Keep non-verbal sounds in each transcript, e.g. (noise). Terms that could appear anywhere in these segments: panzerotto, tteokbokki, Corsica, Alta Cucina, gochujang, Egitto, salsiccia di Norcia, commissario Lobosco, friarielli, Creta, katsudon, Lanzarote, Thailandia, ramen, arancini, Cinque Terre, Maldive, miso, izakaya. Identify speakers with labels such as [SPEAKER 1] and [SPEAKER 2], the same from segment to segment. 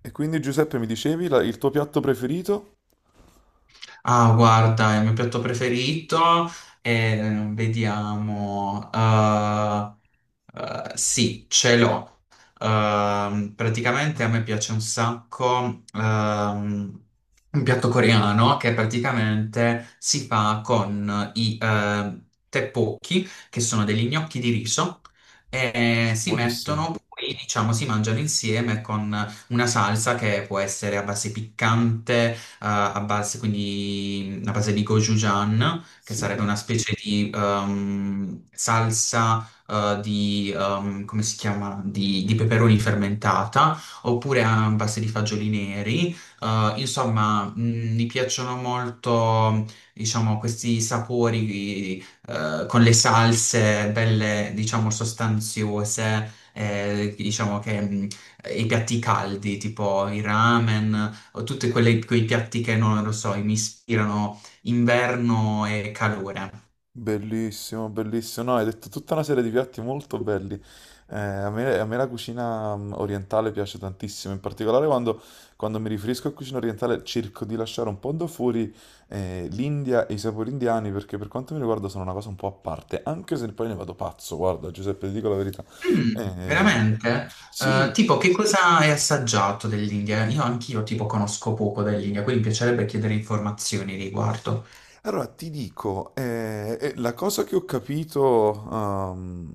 [SPEAKER 1] E quindi Giuseppe mi dicevi il tuo piatto preferito?
[SPEAKER 2] Ah, guarda, il mio piatto preferito è, vediamo, sì, ce l'ho. Praticamente a me piace un sacco un piatto coreano che praticamente si fa con i tteokbokki, che sono degli gnocchi di riso, e si
[SPEAKER 1] Buonissimi,
[SPEAKER 2] mettono poi, diciamo, si mangiano insieme con una salsa che può essere a base piccante, a base, quindi a base di gochujang, che sarebbe
[SPEAKER 1] sì.
[SPEAKER 2] una specie di salsa di, come si chiama? Di peperoni fermentata, oppure ambas di fagioli neri. Insomma, mi piacciono molto, diciamo, questi sapori, con le salse belle, diciamo, sostanziose. Eh, diciamo che i piatti caldi, tipo i ramen, o tutti quei piatti che non lo so, mi ispirano inverno e calore.
[SPEAKER 1] Bellissimo, bellissimo. No, hai detto tutta una serie di piatti molto belli. A me, la cucina orientale piace tantissimo, in particolare quando mi riferisco a cucina orientale cerco di lasciare un po' da fuori l'India e i sapori indiani perché per quanto mi riguarda sono una cosa un po' a parte, anche se poi ne vado pazzo, guarda Giuseppe, ti dico la verità.
[SPEAKER 2] Mm,
[SPEAKER 1] Eh,
[SPEAKER 2] veramente?
[SPEAKER 1] sì.
[SPEAKER 2] Tipo, che cosa hai assaggiato dell'India? Io anch'io tipo conosco poco dell'India, quindi mi piacerebbe chiedere informazioni riguardo.
[SPEAKER 1] Allora ti dico, la cosa che ho capito ehm,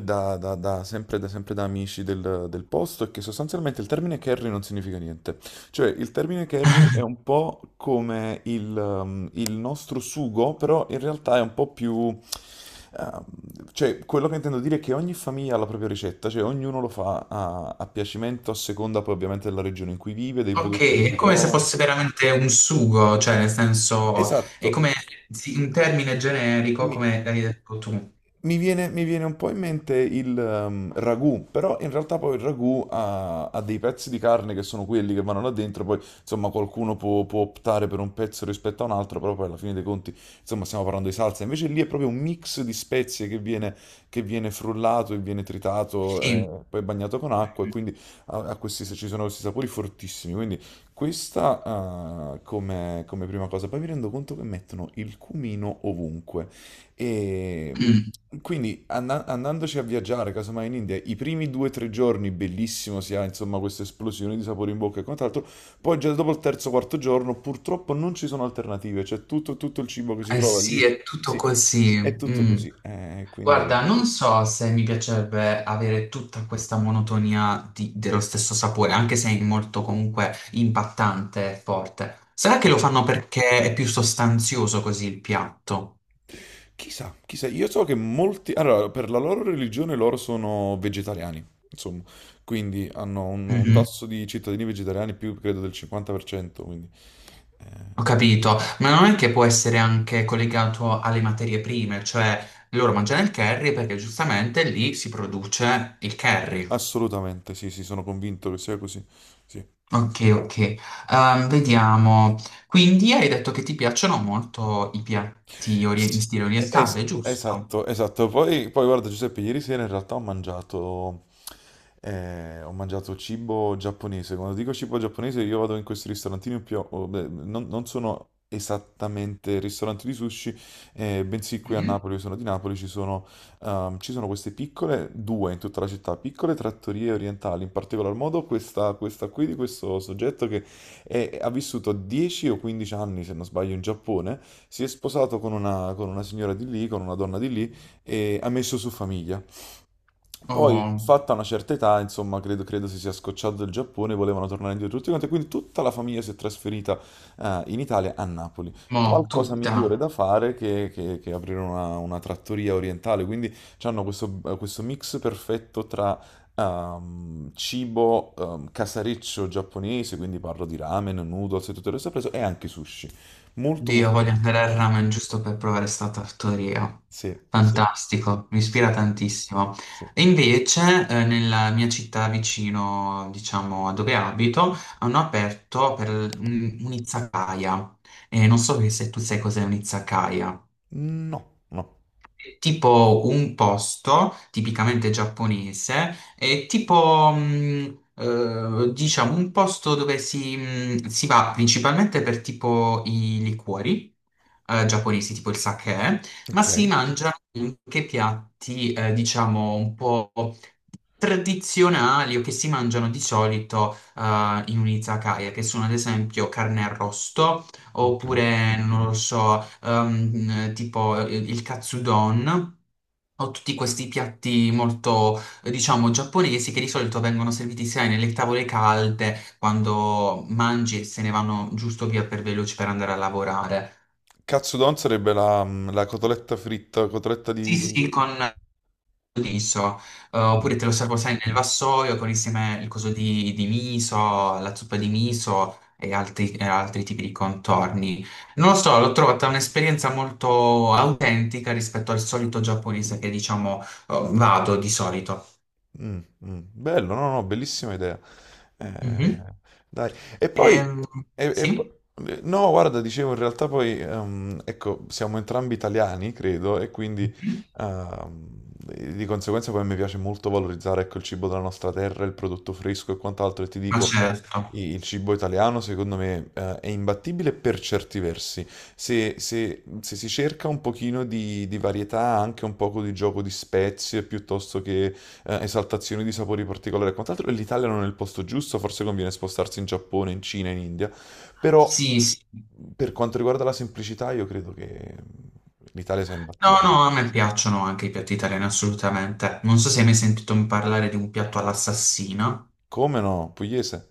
[SPEAKER 1] da, da- da- sempre, da, sempre da amici del posto è che sostanzialmente il termine carry non significa niente. Cioè, il termine carry è un po' come il nostro sugo, però in realtà è un po' più, ehm, cioè, quello che intendo dire è che ogni famiglia ha la propria ricetta, cioè ognuno lo fa a piacimento, a seconda poi ovviamente della regione in cui vive, dei
[SPEAKER 2] Ok,
[SPEAKER 1] prodotti che
[SPEAKER 2] è
[SPEAKER 1] si
[SPEAKER 2] come se
[SPEAKER 1] trovano.
[SPEAKER 2] fosse veramente un sugo, cioè nel senso, è
[SPEAKER 1] Esatto.
[SPEAKER 2] come sì, un termine generico,
[SPEAKER 1] Mi-
[SPEAKER 2] come hai detto tu.
[SPEAKER 1] mi viene un po' in mente il ragù, però in realtà poi il ragù ha dei pezzi di carne che sono quelli che vanno là dentro, poi insomma qualcuno può optare per un pezzo rispetto a un altro, però poi alla fine dei conti insomma stiamo parlando di salsa, invece lì è proprio un mix di spezie che viene frullato e viene
[SPEAKER 2] Sì.
[SPEAKER 1] tritato, poi bagnato con acqua e quindi ci sono questi sapori fortissimi, quindi questa come prima cosa, poi mi rendo conto che mettono il cumino ovunque. E
[SPEAKER 2] Mm,
[SPEAKER 1] quindi andandoci a viaggiare, casomai in India, i primi due o tre giorni bellissimo, si ha insomma questa esplosione di sapore in bocca e quant'altro, poi già dopo il terzo o quarto giorno purtroppo non ci sono alternative, cioè tutto il cibo che si
[SPEAKER 2] eh
[SPEAKER 1] trova
[SPEAKER 2] sì,
[SPEAKER 1] lì,
[SPEAKER 2] è tutto
[SPEAKER 1] sì,
[SPEAKER 2] così.
[SPEAKER 1] è tutto
[SPEAKER 2] Mm.
[SPEAKER 1] così, quindi.
[SPEAKER 2] Guarda, non so se mi piacerebbe avere tutta questa monotonia di- dello stesso sapore, anche se è molto comunque impattante e forte. Sarà che lo fanno perché è più sostanzioso così il piatto?
[SPEAKER 1] Chissà, chissà, io so che molti. Allora, per la loro religione loro sono vegetariani, insomma, quindi hanno un
[SPEAKER 2] Mhm.
[SPEAKER 1] tasso di cittadini vegetariani più, credo, del 50%, quindi. eh,
[SPEAKER 2] Ho capito, ma non è che può essere anche collegato alle materie prime, cioè loro mangiano il curry perché giustamente lì si produce il curry.
[SPEAKER 1] Assolutamente, sì, sì, sono convinto che sia così. Sì.
[SPEAKER 2] Ok, ok.
[SPEAKER 1] Sì.
[SPEAKER 2] Vediamo. Quindi hai detto che ti piacciono molto i piatti ori- in
[SPEAKER 1] S-
[SPEAKER 2] stile orientale,
[SPEAKER 1] es-
[SPEAKER 2] giusto?
[SPEAKER 1] esatto, esatto. Poi guarda Giuseppe, ieri sera in realtà ho mangiato cibo giapponese. Quando dico cibo giapponese io vado in questi ristorantini più, beh, non sono esattamente ristoranti di sushi, bensì qui a
[SPEAKER 2] Mhm.
[SPEAKER 1] Napoli, io sono di Napoli, ci sono queste piccole, due in tutta la città, piccole trattorie orientali, in particolar modo questa qui di questo soggetto che ha vissuto 10 o 15 anni, se non sbaglio, in Giappone, si è sposato con una signora di lì, con una donna di lì e ha messo su famiglia. Poi,
[SPEAKER 2] Oh,
[SPEAKER 1] fatta una certa età, insomma, credo si sia scocciato del Giappone, volevano tornare indietro tutti quanti, quindi tutta la famiglia si è trasferita in Italia, a Napoli.
[SPEAKER 2] mo,
[SPEAKER 1] Qualcosa
[SPEAKER 2] tutta.
[SPEAKER 1] migliore da fare che aprire una trattoria orientale, quindi hanno questo mix perfetto tra cibo casareccio giapponese, quindi parlo di ramen, noodles e tutto il resto preso, e anche sushi. Molto,
[SPEAKER 2] Dio,
[SPEAKER 1] molto
[SPEAKER 2] voglio
[SPEAKER 1] buono.
[SPEAKER 2] andare al ramen giusto per provare sta tartaria.
[SPEAKER 1] Sì, sì,
[SPEAKER 2] Fantastico, mi ispira
[SPEAKER 1] sì,
[SPEAKER 2] tantissimo.
[SPEAKER 1] sì.
[SPEAKER 2] E invece, nella mia città vicino, diciamo, a dove abito, hanno aperto per un- un'izakaya. E non so se tu sai cos'è un'izakaya.
[SPEAKER 1] No, no.
[SPEAKER 2] Tipo un posto tipicamente giapponese, è tipo diciamo un posto dove si, si va principalmente per tipo i liquori. Eh, giapponesi tipo il sake, ma
[SPEAKER 1] Ok,
[SPEAKER 2] si mangiano anche piatti, diciamo, un po' tradizionali o che si mangiano di solito in un izakaya, che sono ad esempio carne arrosto
[SPEAKER 1] ok.
[SPEAKER 2] oppure non lo so, tipo il katsudon. Ho tutti questi piatti molto, diciamo, giapponesi che di solito vengono serviti sai nelle tavole calde quando mangi e se ne vanno giusto via per veloci per andare a lavorare.
[SPEAKER 1] Katsudon sarebbe la cotoletta fritta, cotoletta
[SPEAKER 2] Sì,
[SPEAKER 1] di...
[SPEAKER 2] sì, con liso,
[SPEAKER 1] di-
[SPEAKER 2] oppure te lo servo, sai, nel vassoio con insieme il coso di miso, la zuppa di miso e altri tipi di contorni. Non lo so, l'ho trovata un'esperienza molto autentica rispetto al solito giapponese che, diciamo, vado di solito.
[SPEAKER 1] Mm, mm. Bello, no, no, bellissima idea.
[SPEAKER 2] Mhm.
[SPEAKER 1] Eh, dai. E poi,
[SPEAKER 2] Ehm,
[SPEAKER 1] e- e
[SPEAKER 2] sì?
[SPEAKER 1] po- no, guarda, dicevo, in realtà poi, ecco, siamo entrambi italiani, credo, e quindi
[SPEAKER 2] Mhm.
[SPEAKER 1] ehm, di conseguenza poi mi piace molto valorizzare, ecco, il cibo della nostra terra, il prodotto fresco e quant'altro. E ti
[SPEAKER 2] Ma
[SPEAKER 1] dico,
[SPEAKER 2] certo.
[SPEAKER 1] il cibo italiano, secondo me, è imbattibile per certi versi. Se si cerca un pochino di varietà, anche un poco di gioco di spezie, piuttosto che esaltazioni di sapori particolari e quant'altro, e l'Italia non è il posto giusto, forse conviene spostarsi in Giappone, in Cina, in India, però
[SPEAKER 2] Sì, sì.
[SPEAKER 1] per quanto riguarda la semplicità io credo che l'Italia sia
[SPEAKER 2] No,
[SPEAKER 1] imbattibile.
[SPEAKER 2] no, a me piacciono anche i piatti italiani, assolutamente. Non so se hai mai sentito parlare di un piatto all'assassino.
[SPEAKER 1] Come no? Pugliese?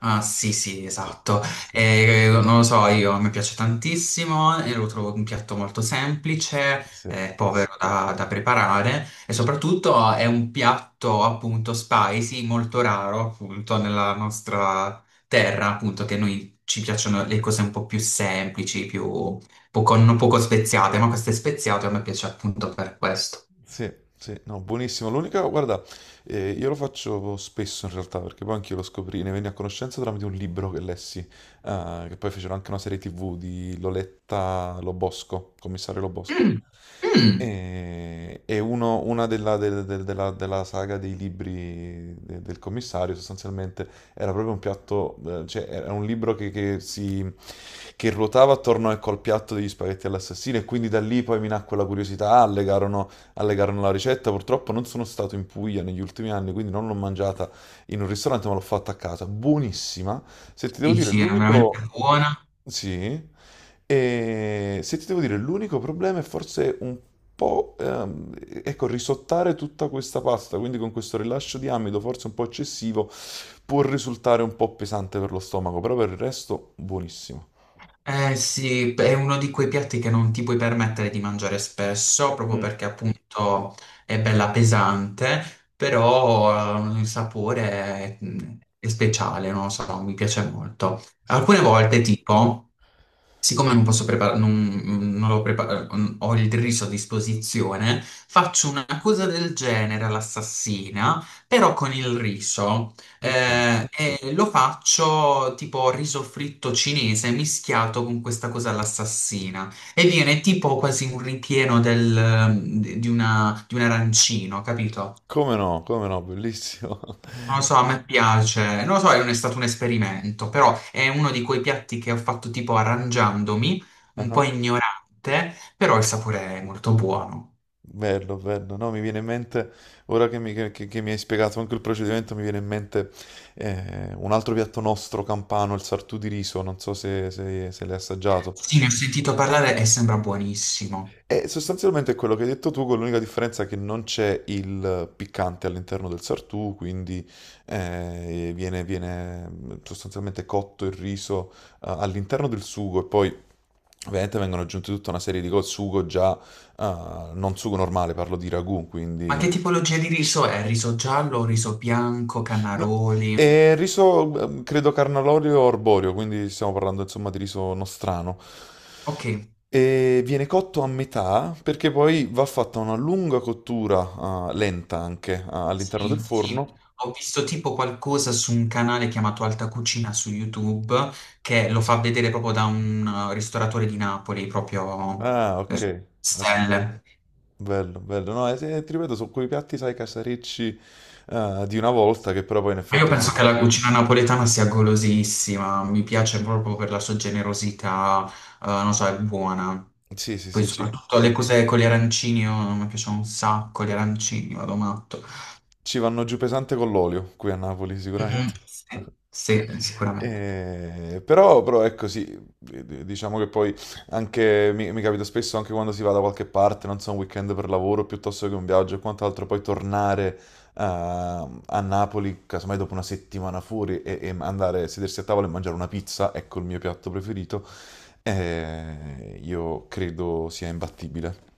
[SPEAKER 2] Ah, sì, sì,
[SPEAKER 1] Sì,
[SPEAKER 2] esatto.
[SPEAKER 1] sì,
[SPEAKER 2] Non lo so, io, a me piace tantissimo, e lo trovo un piatto molto semplice,
[SPEAKER 1] sì.
[SPEAKER 2] povero da, da preparare e soprattutto è un piatto appunto spicy, molto raro appunto nella nostra terra, appunto che noi ci piacciono le cose un po' più semplici, più poco, non poco speziate, ma questo è speziato e a me piace appunto per questo.
[SPEAKER 1] Sì, sì, no, buonissimo. L'unica, guarda, io lo faccio spesso in realtà, perché poi anch'io lo scoprì, ne venni a conoscenza tramite un libro che lessi, che poi fecero anche una serie TV di Loletta Lobosco, commissario Lobosco.
[SPEAKER 2] Mm, mm,
[SPEAKER 1] E una della saga dei libri del commissario sostanzialmente era proprio un piatto, cioè era un libro che ruotava attorno, ecco, al piatto degli spaghetti all'assassino e quindi da lì poi mi nacque la curiosità, legarono alle carne alla ricetta. Purtroppo non sono stato in Puglia negli ultimi anni, quindi non l'ho mangiata in un ristorante, ma l'ho fatta a casa. Buonissima. Se ti devo dire,
[SPEAKER 2] dici, è veramente
[SPEAKER 1] l'unico.
[SPEAKER 2] buona.
[SPEAKER 1] Sì. E se ti devo dire, l'unico problema è forse un po', ecco, risottare tutta questa pasta, quindi con questo rilascio di amido, forse un po' eccessivo, può risultare un po' pesante per lo stomaco, però per il resto buonissimo.
[SPEAKER 2] Eh sì, è uno di quei piatti che non ti puoi permettere di mangiare spesso, proprio
[SPEAKER 1] Mm,
[SPEAKER 2] perché appunto è bella pesante, però il sapore è, mm, è speciale, non lo so, mi piace molto.
[SPEAKER 1] sì.
[SPEAKER 2] Alcune volte, tipo, siccome non posso preparare, non, mm, non l'ho prepar- ho il riso a disposizione, faccio una cosa del genere all'assassina, però con il riso.
[SPEAKER 1] Ok.
[SPEAKER 2] E lo faccio tipo riso fritto cinese mischiato con questa cosa all'assassina. E viene tipo quasi un ripieno del- di una- di un arancino, capito?
[SPEAKER 1] Come no, come no, bellissimo.
[SPEAKER 2] Non lo so, a me piace, non lo so, non è stato un esperimento, però è uno di quei piatti che ho fatto tipo arrangiandomi, un po'
[SPEAKER 1] (laughs)
[SPEAKER 2] ignorante, però il sapore è molto buono.
[SPEAKER 1] Bello, bello. No, mi viene in mente, ora che mi hai spiegato anche il procedimento, mi viene in mente un altro piatto nostro campano, il sartù di riso, non so se l'hai assaggiato.
[SPEAKER 2] Sì, ne ho sentito parlare e sembra buonissimo.
[SPEAKER 1] E sostanzialmente è quello che hai detto tu, con l'unica differenza che non c'è il piccante all'interno del sartù, quindi viene sostanzialmente cotto il riso all'interno del sugo e poi. Ovviamente vengono aggiunte tutta una serie di cose, sugo già, non sugo normale, parlo di ragù,
[SPEAKER 2] Ma che
[SPEAKER 1] quindi.
[SPEAKER 2] tipologia di riso è? Riso giallo, riso bianco,
[SPEAKER 1] No,
[SPEAKER 2] canaroli?
[SPEAKER 1] è riso, credo, carnalorio o arborio, quindi stiamo parlando insomma di riso nostrano.
[SPEAKER 2] Ok,
[SPEAKER 1] E viene cotto a metà perché poi va fatta una lunga cottura, lenta anche, all'interno del
[SPEAKER 2] sì, sì.
[SPEAKER 1] forno.
[SPEAKER 2] Ho visto tipo qualcosa su un canale chiamato Alta Cucina su YouTube che lo fa vedere proprio da un ristoratore di Napoli, proprio
[SPEAKER 1] Ah,
[SPEAKER 2] eh,
[SPEAKER 1] ok, ok.
[SPEAKER 2] stelle.
[SPEAKER 1] Bello, bello. No, sì, ti ripeto, su quei piatti, sai, casarecci di una volta, che però poi in
[SPEAKER 2] Ma io
[SPEAKER 1] effetti
[SPEAKER 2] penso
[SPEAKER 1] quando.
[SPEAKER 2] che la cucina napoletana sia golosissima, mi piace proprio per la sua generosità, non so, è buona.
[SPEAKER 1] Sì, sì,
[SPEAKER 2] Poi
[SPEAKER 1] sì,
[SPEAKER 2] soprattutto le cose con gli arancini, io- mi piacciono un sacco gli arancini, vado matto.
[SPEAKER 1] Ci vanno giù pesante con l'olio, qui a Napoli sicuramente.
[SPEAKER 2] Mhm. Sì,
[SPEAKER 1] (laughs)
[SPEAKER 2] sì, sicuramente.
[SPEAKER 1] Però è così, diciamo che poi anche mi capita spesso anche quando si va da qualche parte, non so, un weekend per lavoro piuttosto che un viaggio e quant'altro, poi tornare a Napoli, casomai dopo una settimana fuori e andare a sedersi a tavola e mangiare una pizza, ecco il mio piatto preferito, io credo sia imbattibile.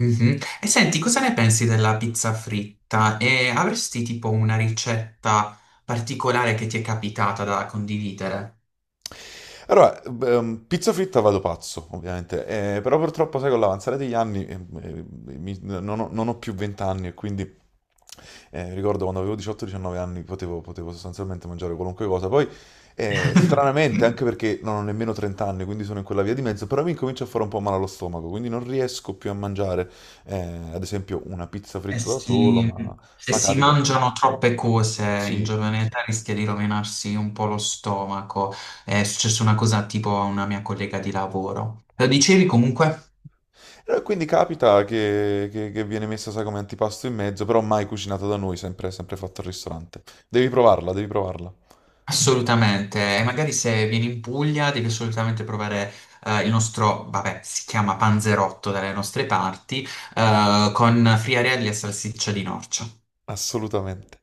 [SPEAKER 2] Mhm. E senti, cosa ne pensi della pizza fritta? E avresti tipo una ricetta particolare che ti è capitata da condividere?
[SPEAKER 1] Allora, pizza fritta vado pazzo, ovviamente, però purtroppo, sai, con l'avanzare degli anni eh, non ho più 20 anni e quindi ricordo quando avevo 18-19 anni potevo sostanzialmente mangiare qualunque cosa. Poi, stranamente,
[SPEAKER 2] (laughs)
[SPEAKER 1] anche perché non ho nemmeno 30 anni, quindi sono in quella via di mezzo, però mi comincia a fare un po' male allo stomaco, quindi non riesco più a mangiare, eh, ad esempio, una pizza
[SPEAKER 2] E
[SPEAKER 1] fritta da solo,
[SPEAKER 2] si-
[SPEAKER 1] ma,
[SPEAKER 2] se
[SPEAKER 1] ma
[SPEAKER 2] si
[SPEAKER 1] capita.
[SPEAKER 2] mangiano troppe cose in
[SPEAKER 1] Sì.
[SPEAKER 2] giovane età rischia di rovinarsi un po' lo stomaco. È successa una cosa tipo a una mia collega di lavoro. Lo dicevi comunque?
[SPEAKER 1] Quindi capita che viene messa, sai, come antipasto in mezzo, però mai cucinato da noi, sempre, sempre fatto al ristorante. Devi provarla, devi provarla.
[SPEAKER 2] Assolutamente. E magari se vieni in Puglia devi assolutamente provare il nostro, vabbè, si chiama panzerotto dalle nostre parti, con friarielli e salsiccia di Norcia.
[SPEAKER 1] Assolutamente.